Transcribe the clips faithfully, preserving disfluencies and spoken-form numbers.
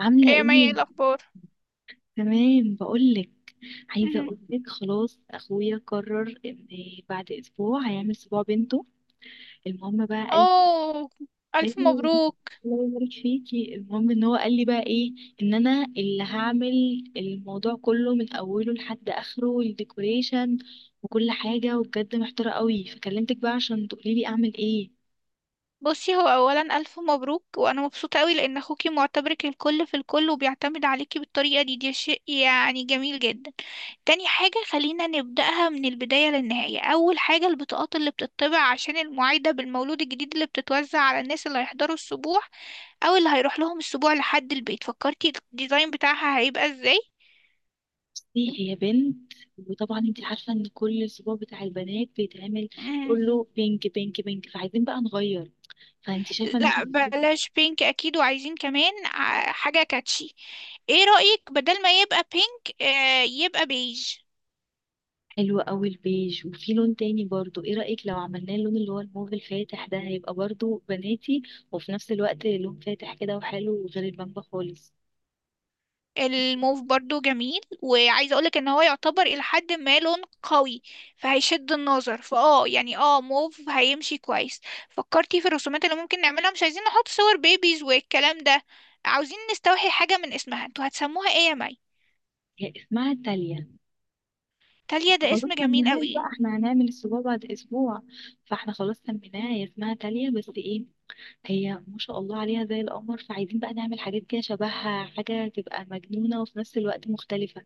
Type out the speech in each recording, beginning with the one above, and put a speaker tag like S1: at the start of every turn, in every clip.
S1: عاملة
S2: ايه يا مي، ايه
S1: ايه؟
S2: الاخبار؟
S1: تمام، بقولك. عايزة
S2: مهم.
S1: اقولك، خلاص اخويا قرر ان بعد اسبوع هيعمل اسبوع بنته. المهم بقى قال
S2: اوه،
S1: قال
S2: الف
S1: لي: "أيوة،
S2: مبروك.
S1: الله يبارك فيكي". المهم ان هو قال لي بقى ايه، ان انا اللي هعمل الموضوع كله من اوله لحد اخره، الديكوريشن وكل حاجة، وبجد محتارة قوي فكلمتك بقى عشان تقوليلي اعمل ايه.
S2: بصي، هو اولا الف مبروك وانا مبسوطه قوي لان اخوكي معتبرك الكل في الكل وبيعتمد عليكي بالطريقه دي دي شيء يعني جميل جدا. تاني حاجه، خلينا نبداها من البدايه للنهايه. اول حاجه البطاقات اللي بتطبع عشان المعايده بالمولود الجديد اللي بتتوزع على الناس اللي هيحضروا السبوع او اللي هيروح لهم السبوع لحد البيت، فكرتي الديزاين بتاعها هيبقى ازاي؟
S1: بصي، هي بنت، وطبعا انت عارفة ان كل الاسبوع بتاع البنات بيتعمل كله بينك بينك بينك، فعايزين بقى نغير. فانت شايفه ان
S2: لا
S1: احنا؟
S2: بلاش بينك اكيد، وعايزين كمان ع- حاجة كاتشي. ايه رأيك بدل ما يبقى بينك آه، يبقى بيج؟
S1: حلو قوي البيج، وفي لون تاني برضو، ايه رايك لو عملناه اللون اللي هو الموف الفاتح ده؟ هيبقى برضو بناتي وفي نفس الوقت لون فاتح كده وحلو، غير البامبا خالص.
S2: الموف برضو جميل، وعايزة اقولك ان هو يعتبر الى حد ما لون قوي، فهيشد النظر فاه. يعني اه موف هيمشي كويس. فكرتي في الرسومات اللي ممكن نعملها، مش عايزين نحط صور بيبيز والكلام ده. عاوزين نستوحي حاجة من اسمها. انتوا هتسموها ايه يا مي؟
S1: هي اسمها تاليا.
S2: تاليا ده
S1: خلاص
S2: اسم جميل
S1: سميناه
S2: قوي.
S1: بقى، احنا هنعمل السبوع بعد اسبوع، فاحنا خلاص سميناها، هي اسمها تاليا. بس ايه، هي ما شاء الله عليها زي القمر، فعايزين بقى نعمل حاجات كده شبهها، حاجه تبقى مجنونه وفي نفس الوقت مختلفه.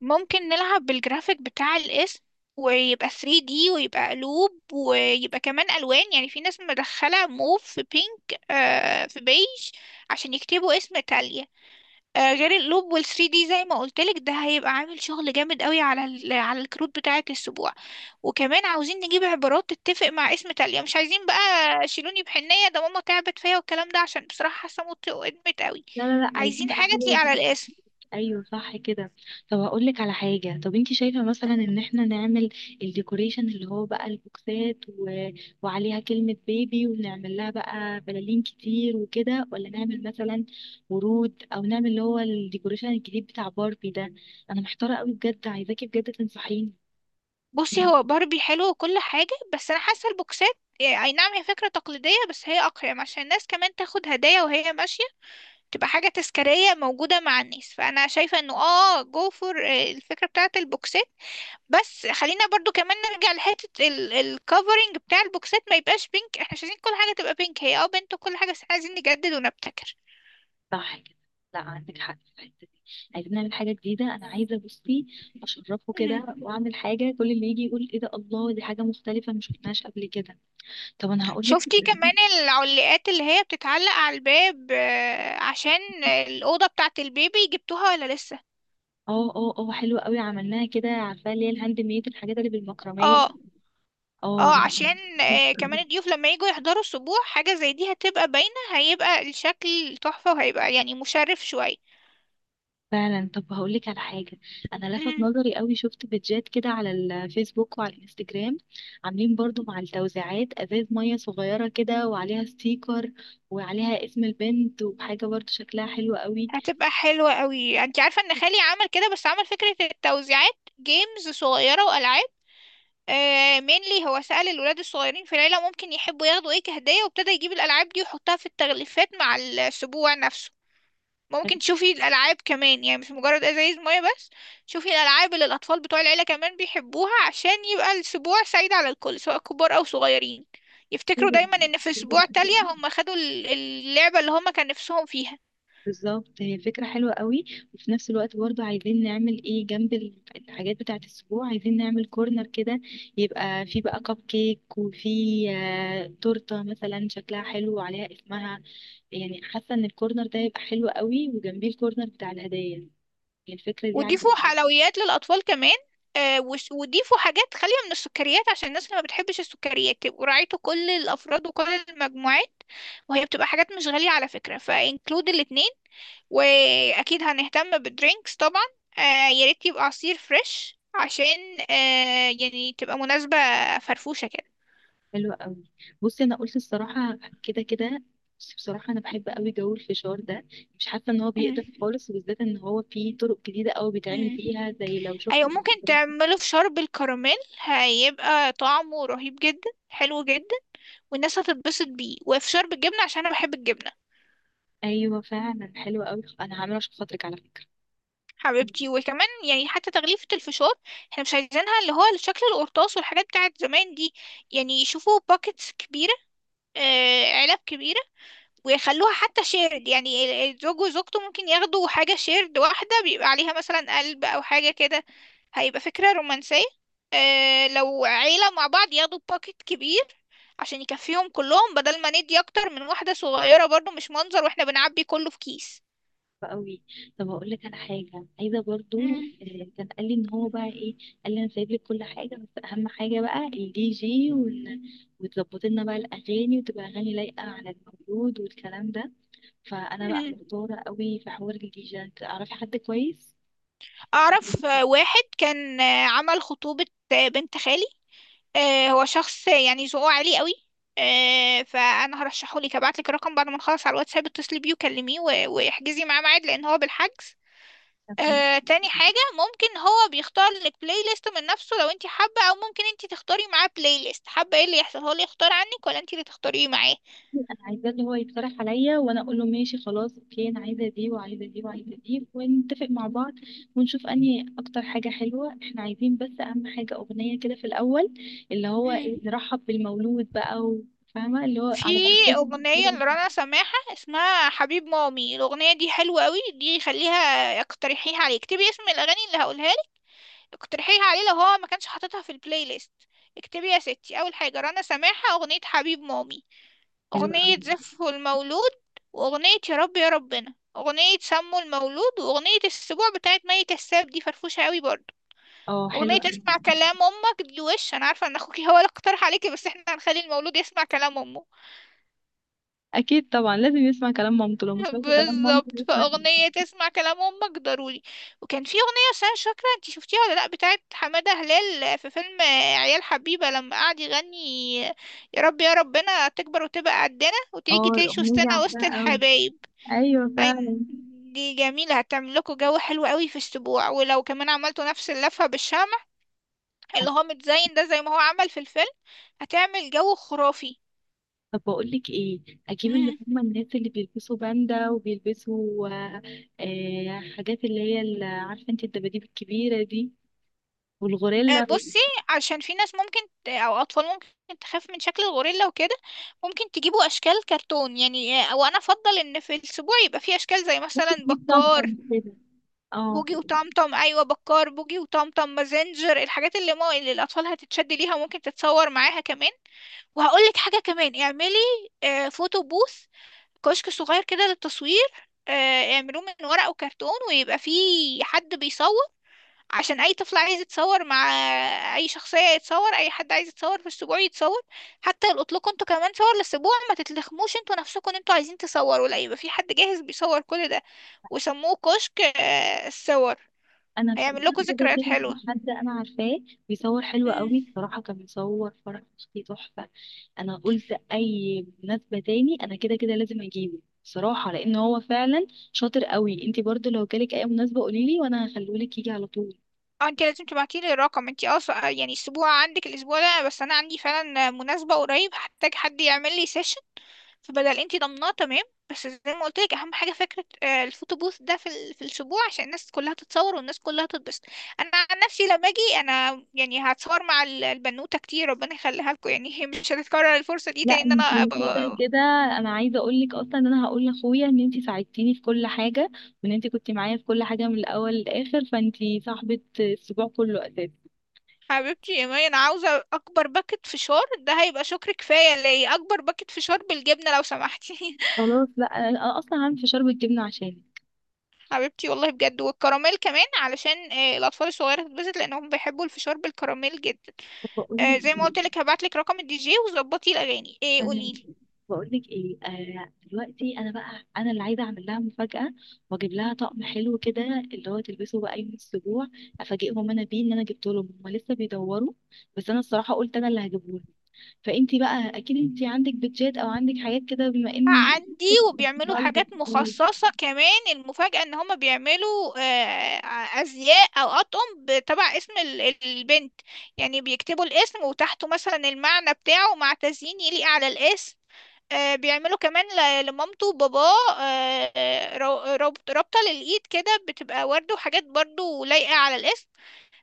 S2: ممكن نلعب بالجرافيك بتاع الاسم ويبقى ثري دي ويبقى قلوب ويبقى كمان ألوان. يعني في ناس مدخلة موف في بينك آه في بيج، عشان يكتبوا اسم إيطاليا. آه غير القلوب وال ثري دي زي ما قلتلك، ده هيبقى عامل شغل جامد قوي على ال- على الكروت بتاعة السبوع. وكمان عاوزين نجيب عبارات تتفق مع اسم إيطاليا، مش عايزين بقى شيلوني بحنية ده ماما تعبت فيا والكلام ده، عشان بصراحة حاسة موت وقدمت قوي.
S1: لا لا لا، عايزين
S2: عايزين
S1: بقى
S2: حاجة تليق
S1: حاجه.
S2: على الاسم.
S1: ايوه صح كده. طب هقول لك على حاجه، طب انت شايفه مثلا ان احنا نعمل الديكوريشن اللي هو بقى البوكسات و... وعليها كلمه بيبي، ونعمل لها بقى بلالين كتير وكده، ولا نعمل مثلا ورود، او نعمل اللي هو الديكوريشن الجديد بتاع باربي ده؟ انا محتاره قوي بجد، عايزاكي بجد تنصحيني.
S2: بصي، هو باربي حلو وكل حاجة، بس أنا حاسة البوكسات، يعني أي نعم هي فكرة تقليدية، بس هي أقيم عشان الناس كمان تاخد هدايا وهي ماشية، تبقى حاجة تذكارية موجودة مع الناس. فأنا شايفة إنه آه جو فور الفكرة بتاعة البوكسات. بس خلينا برضو كمان نرجع لحتة الكفرنج بتاع البوكسات، ما يبقاش بينك. احنا مش عايزين كل حاجة تبقى بينك، هي اه بنت وكل حاجة، بس احنا عايزين نجدد ونبتكر.
S1: صح كده، لا عندك حق في الحته دي. عايزين نعمل حاجه جديده، انا عايزه بصي اشرفه
S2: مهم.
S1: كده، واعمل حاجه كل اللي يجي يقول: ايه ده، الله، دي حاجه مختلفه ما شفناهاش قبل كده. طب انا هقول لك.
S2: شفتي كمان العلاقات اللي هي بتتعلق على الباب، آه، عشان الأوضة بتاعة البيبي، جبتوها ولا لسه؟
S1: اه اه اه حلوه قوي، عملناها كده، عارفه اللي هي الهاند ميد، الحاجات اللي بالمكرميه.
S2: اه،
S1: اه.
S2: اه. عشان آه كمان الضيوف لما يجوا يحضروا السبوع حاجة زي دي هتبقى باينة، هيبقى الشكل تحفة وهيبقى يعني مشرف شوية.
S1: فعلا، طب هقول لك على حاجه، انا لفت
S2: مم،
S1: نظري قوي، شفت بيدجات كده على الفيسبوك وعلى الانستجرام، عاملين برضو مع التوزيعات ازاز ميه صغيره كده وعليها ستيكر وعليها اسم البنت، وحاجه برضو شكلها حلو
S2: هتبقى حلوة قوي. انت عارفة ان خالي عمل كده، بس عمل فكرة التوزيعات جيمز صغيرة وألعاب. آه mainly هو سأل الولاد الصغيرين في العيلة ممكن يحبوا ياخدوا ايه كهدية، وابتدى يجيب الألعاب دي ويحطها في التغليفات مع السبوع نفسه.
S1: قوي.
S2: ممكن تشوفي الألعاب كمان، يعني مش مجرد أزايز مية بس. شوفي الألعاب اللي الأطفال بتوع العيلة كمان بيحبوها، عشان يبقى الأسبوع سعيد على الكل سواء كبار أو صغيرين. يفتكروا دايما إن في أسبوع تالية هم خدوا ال- اللعبة اللي هم كان نفسهم فيها.
S1: بالظبط، هي الفكرة حلوة قوي. وفي نفس الوقت برضو عايزين نعمل ايه، جنب ال- الحاجات بتاعة الأسبوع عايزين نعمل كورنر كده، يبقى فيه بقى كب كيك، وفيه آه، تورتة مثلا شكلها حلو وعليها اسمها. يعني حاسة ان الكورنر ده يبقى حلو قوي، وجنبيه الكورنر بتاع الهدايا. هي الفكرة دي عندي.
S2: وضيفوا حلويات للأطفال كمان. آه، وس- وضيفوا حاجات خالية من السكريات، عشان الناس اللي ما بتحبش السكريات يبقوا راعيتوا كل الأفراد وكل المجموعات. وهي بتبقى حاجات مش غالية على فكرة، فانكلود الاتنين. وأكيد هنهتم بالدرينكس طبعا. آه، يا ريت يبقى عصير فريش، عشان آه، يعني تبقى مناسبة فرفوشة كده.
S1: حلوة قوي. بصي انا قلت الصراحة كده كده، بصي بصراحة أنا بحب قوي جو الفشار ده، مش حاسة إن هو
S2: مم.
S1: بيقدر خالص، وبالذات إن هو فيه طرق جديدة أوي بيتعمل
S2: مم.
S1: فيها، زي لو شفت.
S2: أيوة، ممكن تعمله في شرب الكراميل، هيبقى طعمه رهيب جدا، حلو جدا، والناس هتتبسط بيه. وفشار بالجبنة، عشان أنا بحب الجبنة.
S1: ايوه فعلا حلوه قوي، انا هعمله عشان خاطرك على فكره.
S2: حبيبتي، وكمان يعني حتى تغليفة الفشار احنا مش عايزينها اللي هو شكل القرطاس والحاجات بتاعت زمان دي. يعني يشوفوا باكتس كبيرة، آه علب كبيرة، ويخلوها حتى شيرد. يعني ال- الزوج وزوجته ممكن ياخدوا حاجة شيرد واحدة بيبقى عليها مثلا قلب أو حاجة كده، هيبقى فكرة رومانسية. آه لو عيلة مع بعض ياخدوا باكت كبير عشان يكفيهم كلهم، بدل ما ندي أكتر من واحدة صغيرة، برضو مش منظر واحنا بنعبي كله في كيس.
S1: حلوة قوي. طب هقول لك على حاجه عايزه برضو.
S2: مم.
S1: آه، كان قال لي ان هو بقى ايه، قال لي: انا سايب لك كل حاجه، بس اهم حاجه بقى الدي جي، وال... وتظبط لنا بقى الاغاني، وتبقى اغاني لايقه على المولود والكلام ده. فانا بقى
S2: مم.
S1: محتاره قوي في حوار الدي جي، تعرفي حد كويس؟
S2: أعرف. آه، واحد كان آه، عمل خطوبة آه، بنت خالي. آه، هو شخص آه، يعني ذوقه عالي قوي. آه، فأنا هرشحه لك، هبعت لك الرقم بعد ما نخلص على الواتساب. اتصلي بيه وكلميه و- واحجزي معاه ميعاد، لأن هو بالحجز.
S1: تمام.
S2: آه، تاني حاجة، ممكن هو بيختار لك بلاي ليست من نفسه لو انت حابة، أو ممكن انت تختاري معاه بلاي ليست. حابة ايه اللي يحصل، هو اللي يختار عنك ولا انت اللي تختاريه معاه؟
S1: انا عايزاه اللي هو يقترح عليا، وانا اقول له ماشي خلاص، اوكي انا عايزه دي وعايزه دي وعايزه دي، ونتفق مع بعض ونشوف انهي اكتر حاجه حلوه احنا عايزين. بس اهم حاجه اغنيه كده في الاول، اللي هو إيه، نرحب بالمولود بقى و- فاهمه اللي هو
S2: في
S1: على بقى.
S2: أغنية لرنا سماحة اسمها حبيب مامي، الأغنية دي حلوة قوي، دي خليها اقترحيها عليه. اكتبي اسم الأغاني اللي هقولها لك، اقترحيها عليه لو هو ما كانش حاططها في البلاي ليست. اكتبي يا ستي أول حاجة رنا سماحة، أغنية حبيب مامي،
S1: حلو
S2: أغنية
S1: قوي.
S2: زفه المولود، وأغنية يا رب يا ربنا، أغنية سمو المولود، وأغنية السبوع بتاعت مي كساب، دي فرفوشة قوي برضه.
S1: اه حلو
S2: أغنية
S1: قوي.
S2: اسمع كلام أمك دي، وش أنا عارفة إن أخوكي هو اللي اقترح عليكي، بس احنا هنخلي المولود يسمع كلام أمه.
S1: اكيد طبعا لازم يسمع كلام مامته، لو ما سمعش كلام مامته
S2: بالظبط،
S1: يسمع.
S2: فأغنية تسمع كلام أمك ضروري. وكان في أغنية، بس أنا مش فاكرة انتي شفتيها ولا لأ، بتاعت حمادة هلال في فيلم عيال حبيبة، لما قعد يغني يا رب يا ربنا تكبر وتبقى قدنا
S1: اه
S2: وتيجي تعيش
S1: الاغنيه دي
S2: وسطنا وسط
S1: عارفاها قوي.
S2: الحبايب.
S1: ايوه
S2: أي،
S1: فعلا.
S2: دي جميلة، هتعمل لكم جو حلو قوي في السبوع. ولو كمان عملتوا نفس اللفة بالشمع اللي هو متزين ده زي ما هو عمل في الفيلم، هتعمل جو خرافي.
S1: طب بقول لك ايه، اجيب اللي هم الناس اللي بيلبسوا باندا وبيلبسوا آه، آه، حاجات اللي هي ال- عارفه انت الدباديب الكبيره دي،
S2: آه،
S1: والغوريلا.
S2: بصي، عشان في ناس ممكن ت- او اطفال ممكن تخاف من شكل الغوريلا وكده. ممكن تجيبوا اشكال كرتون، يعني آه، وانا افضل ان في الاسبوع يبقى في اشكال زي
S1: ممكن
S2: مثلا
S1: اجيب
S2: بكار،
S1: طمطم كده. اه.
S2: بوجي وطمطم. ايوه، بكار بوجي وطمطم مازنجر، الحاجات اللي ما اللي الاطفال هتتشد ليها وممكن تتصور معاها كمان. وهقول لك حاجه كمان، اعملي آه، فوتو بوث، كشك صغير كده للتصوير. آه، اعملوه من ورق وكرتون، ويبقى فيه حد بيصور عشان اي طفل عايز يتصور مع اي شخصية يتصور، اي حد عايز يتصور في السبوع يتصور، حتى يلقط لكم انتوا كمان صور للسبوع. ما تتلخموش انتوا نفسكم ان انتوا عايزين تصوروا، لا يبقى في حد جاهز بيصور كل ده. وسموه كشك آه، الصور.
S1: انا في
S2: هيعمل لكم
S1: كده
S2: ذكريات
S1: كده
S2: حلوة.
S1: في حد انا عارفاه بيصور حلو
S2: مم.
S1: قوي بصراحه، كان بيصور فرح اختي تحفه. انا قلت اي مناسبه تاني انا كده كده لازم اجيبه. بصراحه لان هو فعلا شاطر قوي، انت برضو لو جالك اي مناسبه قوليلي وانا هخليهولك يجي على طول.
S2: اه انت لازم تبعتي لي الرقم. انت اه سو- يعني اسبوع عندك الاسبوع ده، بس انا عندي فعلا مناسبة قريب هحتاج حد يعمل لي سيشن، فبدل انت ضمناه تمام. بس زي ما قلت لك، اهم حاجة فكرة آه، الفوتو بوث ده في ال- في الاسبوع، عشان الناس كلها تتصور والناس كلها تتبسط. انا عن نفسي لما اجي انا يعني هتصور مع ال- البنوتة كتير، ربنا يخليها لكم. يعني هي مش هتتكرر الفرصة دي تاني
S1: لا
S2: ان انا
S1: انت كده
S2: ابقى.
S1: كده، انا عايزه اقول لك اصلا ان انا هقول لاخويا ان انت ساعدتيني في كل حاجه، وان انت كنت معايا في كل حاجه من الاول للاخر، فانت صاحبه الاسبوع كله اساسا.
S2: حبيبتي يا مي، انا عاوزة اكبر باكت فشار، ده هيبقى شكر كفاية ليا، اكبر باكت فشار بالجبنة لو سمحتي.
S1: خلاص، لا انا أنا اصلا عامل فشار بالجبنه عشانك.
S2: حبيبتي والله بجد. والكراميل كمان، علشان آه، الاطفال الصغيره تتبسط لانهم بيحبوا الفشار بالكراميل جدا.
S1: بقول
S2: آه،
S1: لك
S2: زي ما قلت لك، هبعت لك رقم الدي جي وظبطي الاغاني. آه،
S1: انا
S2: قولي لي.
S1: بقول لك ايه، آه دلوقتي انا بقى انا اللي عايزه اعمل لها مفاجاه، واجيب لها طقم حلو كده، اللي هو تلبسه بقى يوم الاسبوع، افاجئهم انا بيه ان انا جبته لهم. هم لسه بيدوروا، بس انا الصراحه قلت انا اللي هجيبه. فانت بقى اكيد انت عندك بيتزات او عندك حاجات كده، بما ان.
S2: عندي، وبيعملوا حاجات مخصصة كمان. المفاجأة ان هما بيعملوا آه، ازياء او اطقم ب- تبع اسم ال- البنت. يعني بيكتبوا الاسم وتحته مثلا المعنى بتاعه مع تزيين يليق على الاسم. آه، بيعملوا كمان ل- لمامته وباباه، آه، آه، رو- ربط- رابطة للإيد كده بتبقى وردة وحاجات برضو لايقة على الاسم.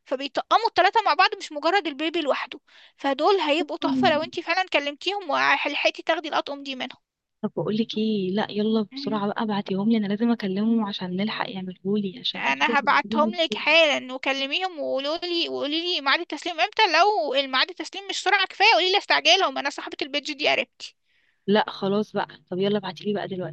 S2: فبيطقموا التلاتة مع بعض، مش مجرد البيبي لوحده. فدول هيبقوا تحفة لو انتي فعلا كلمتيهم وحلحقتي تاخدي الأطقم دي منهم.
S1: طب بقول لك ايه، لا يلا بسرعه بقى ابعتيهم لي، انا لازم اكلمه عشان نلحق يعملهولي، عشان اكيد
S2: انا هبعتهم
S1: هيعملهولي.
S2: لك حالا، وكلميهم وقولوا لي وقولي لي ميعاد التسليم امتى. لو الميعاد التسليم مش سرعه كفايه قولي لي، استعجلهم انا صاحبه البيج دي قريبتي.
S1: لا خلاص بقى، طب يلا ابعتيلي بقى دلوقتي.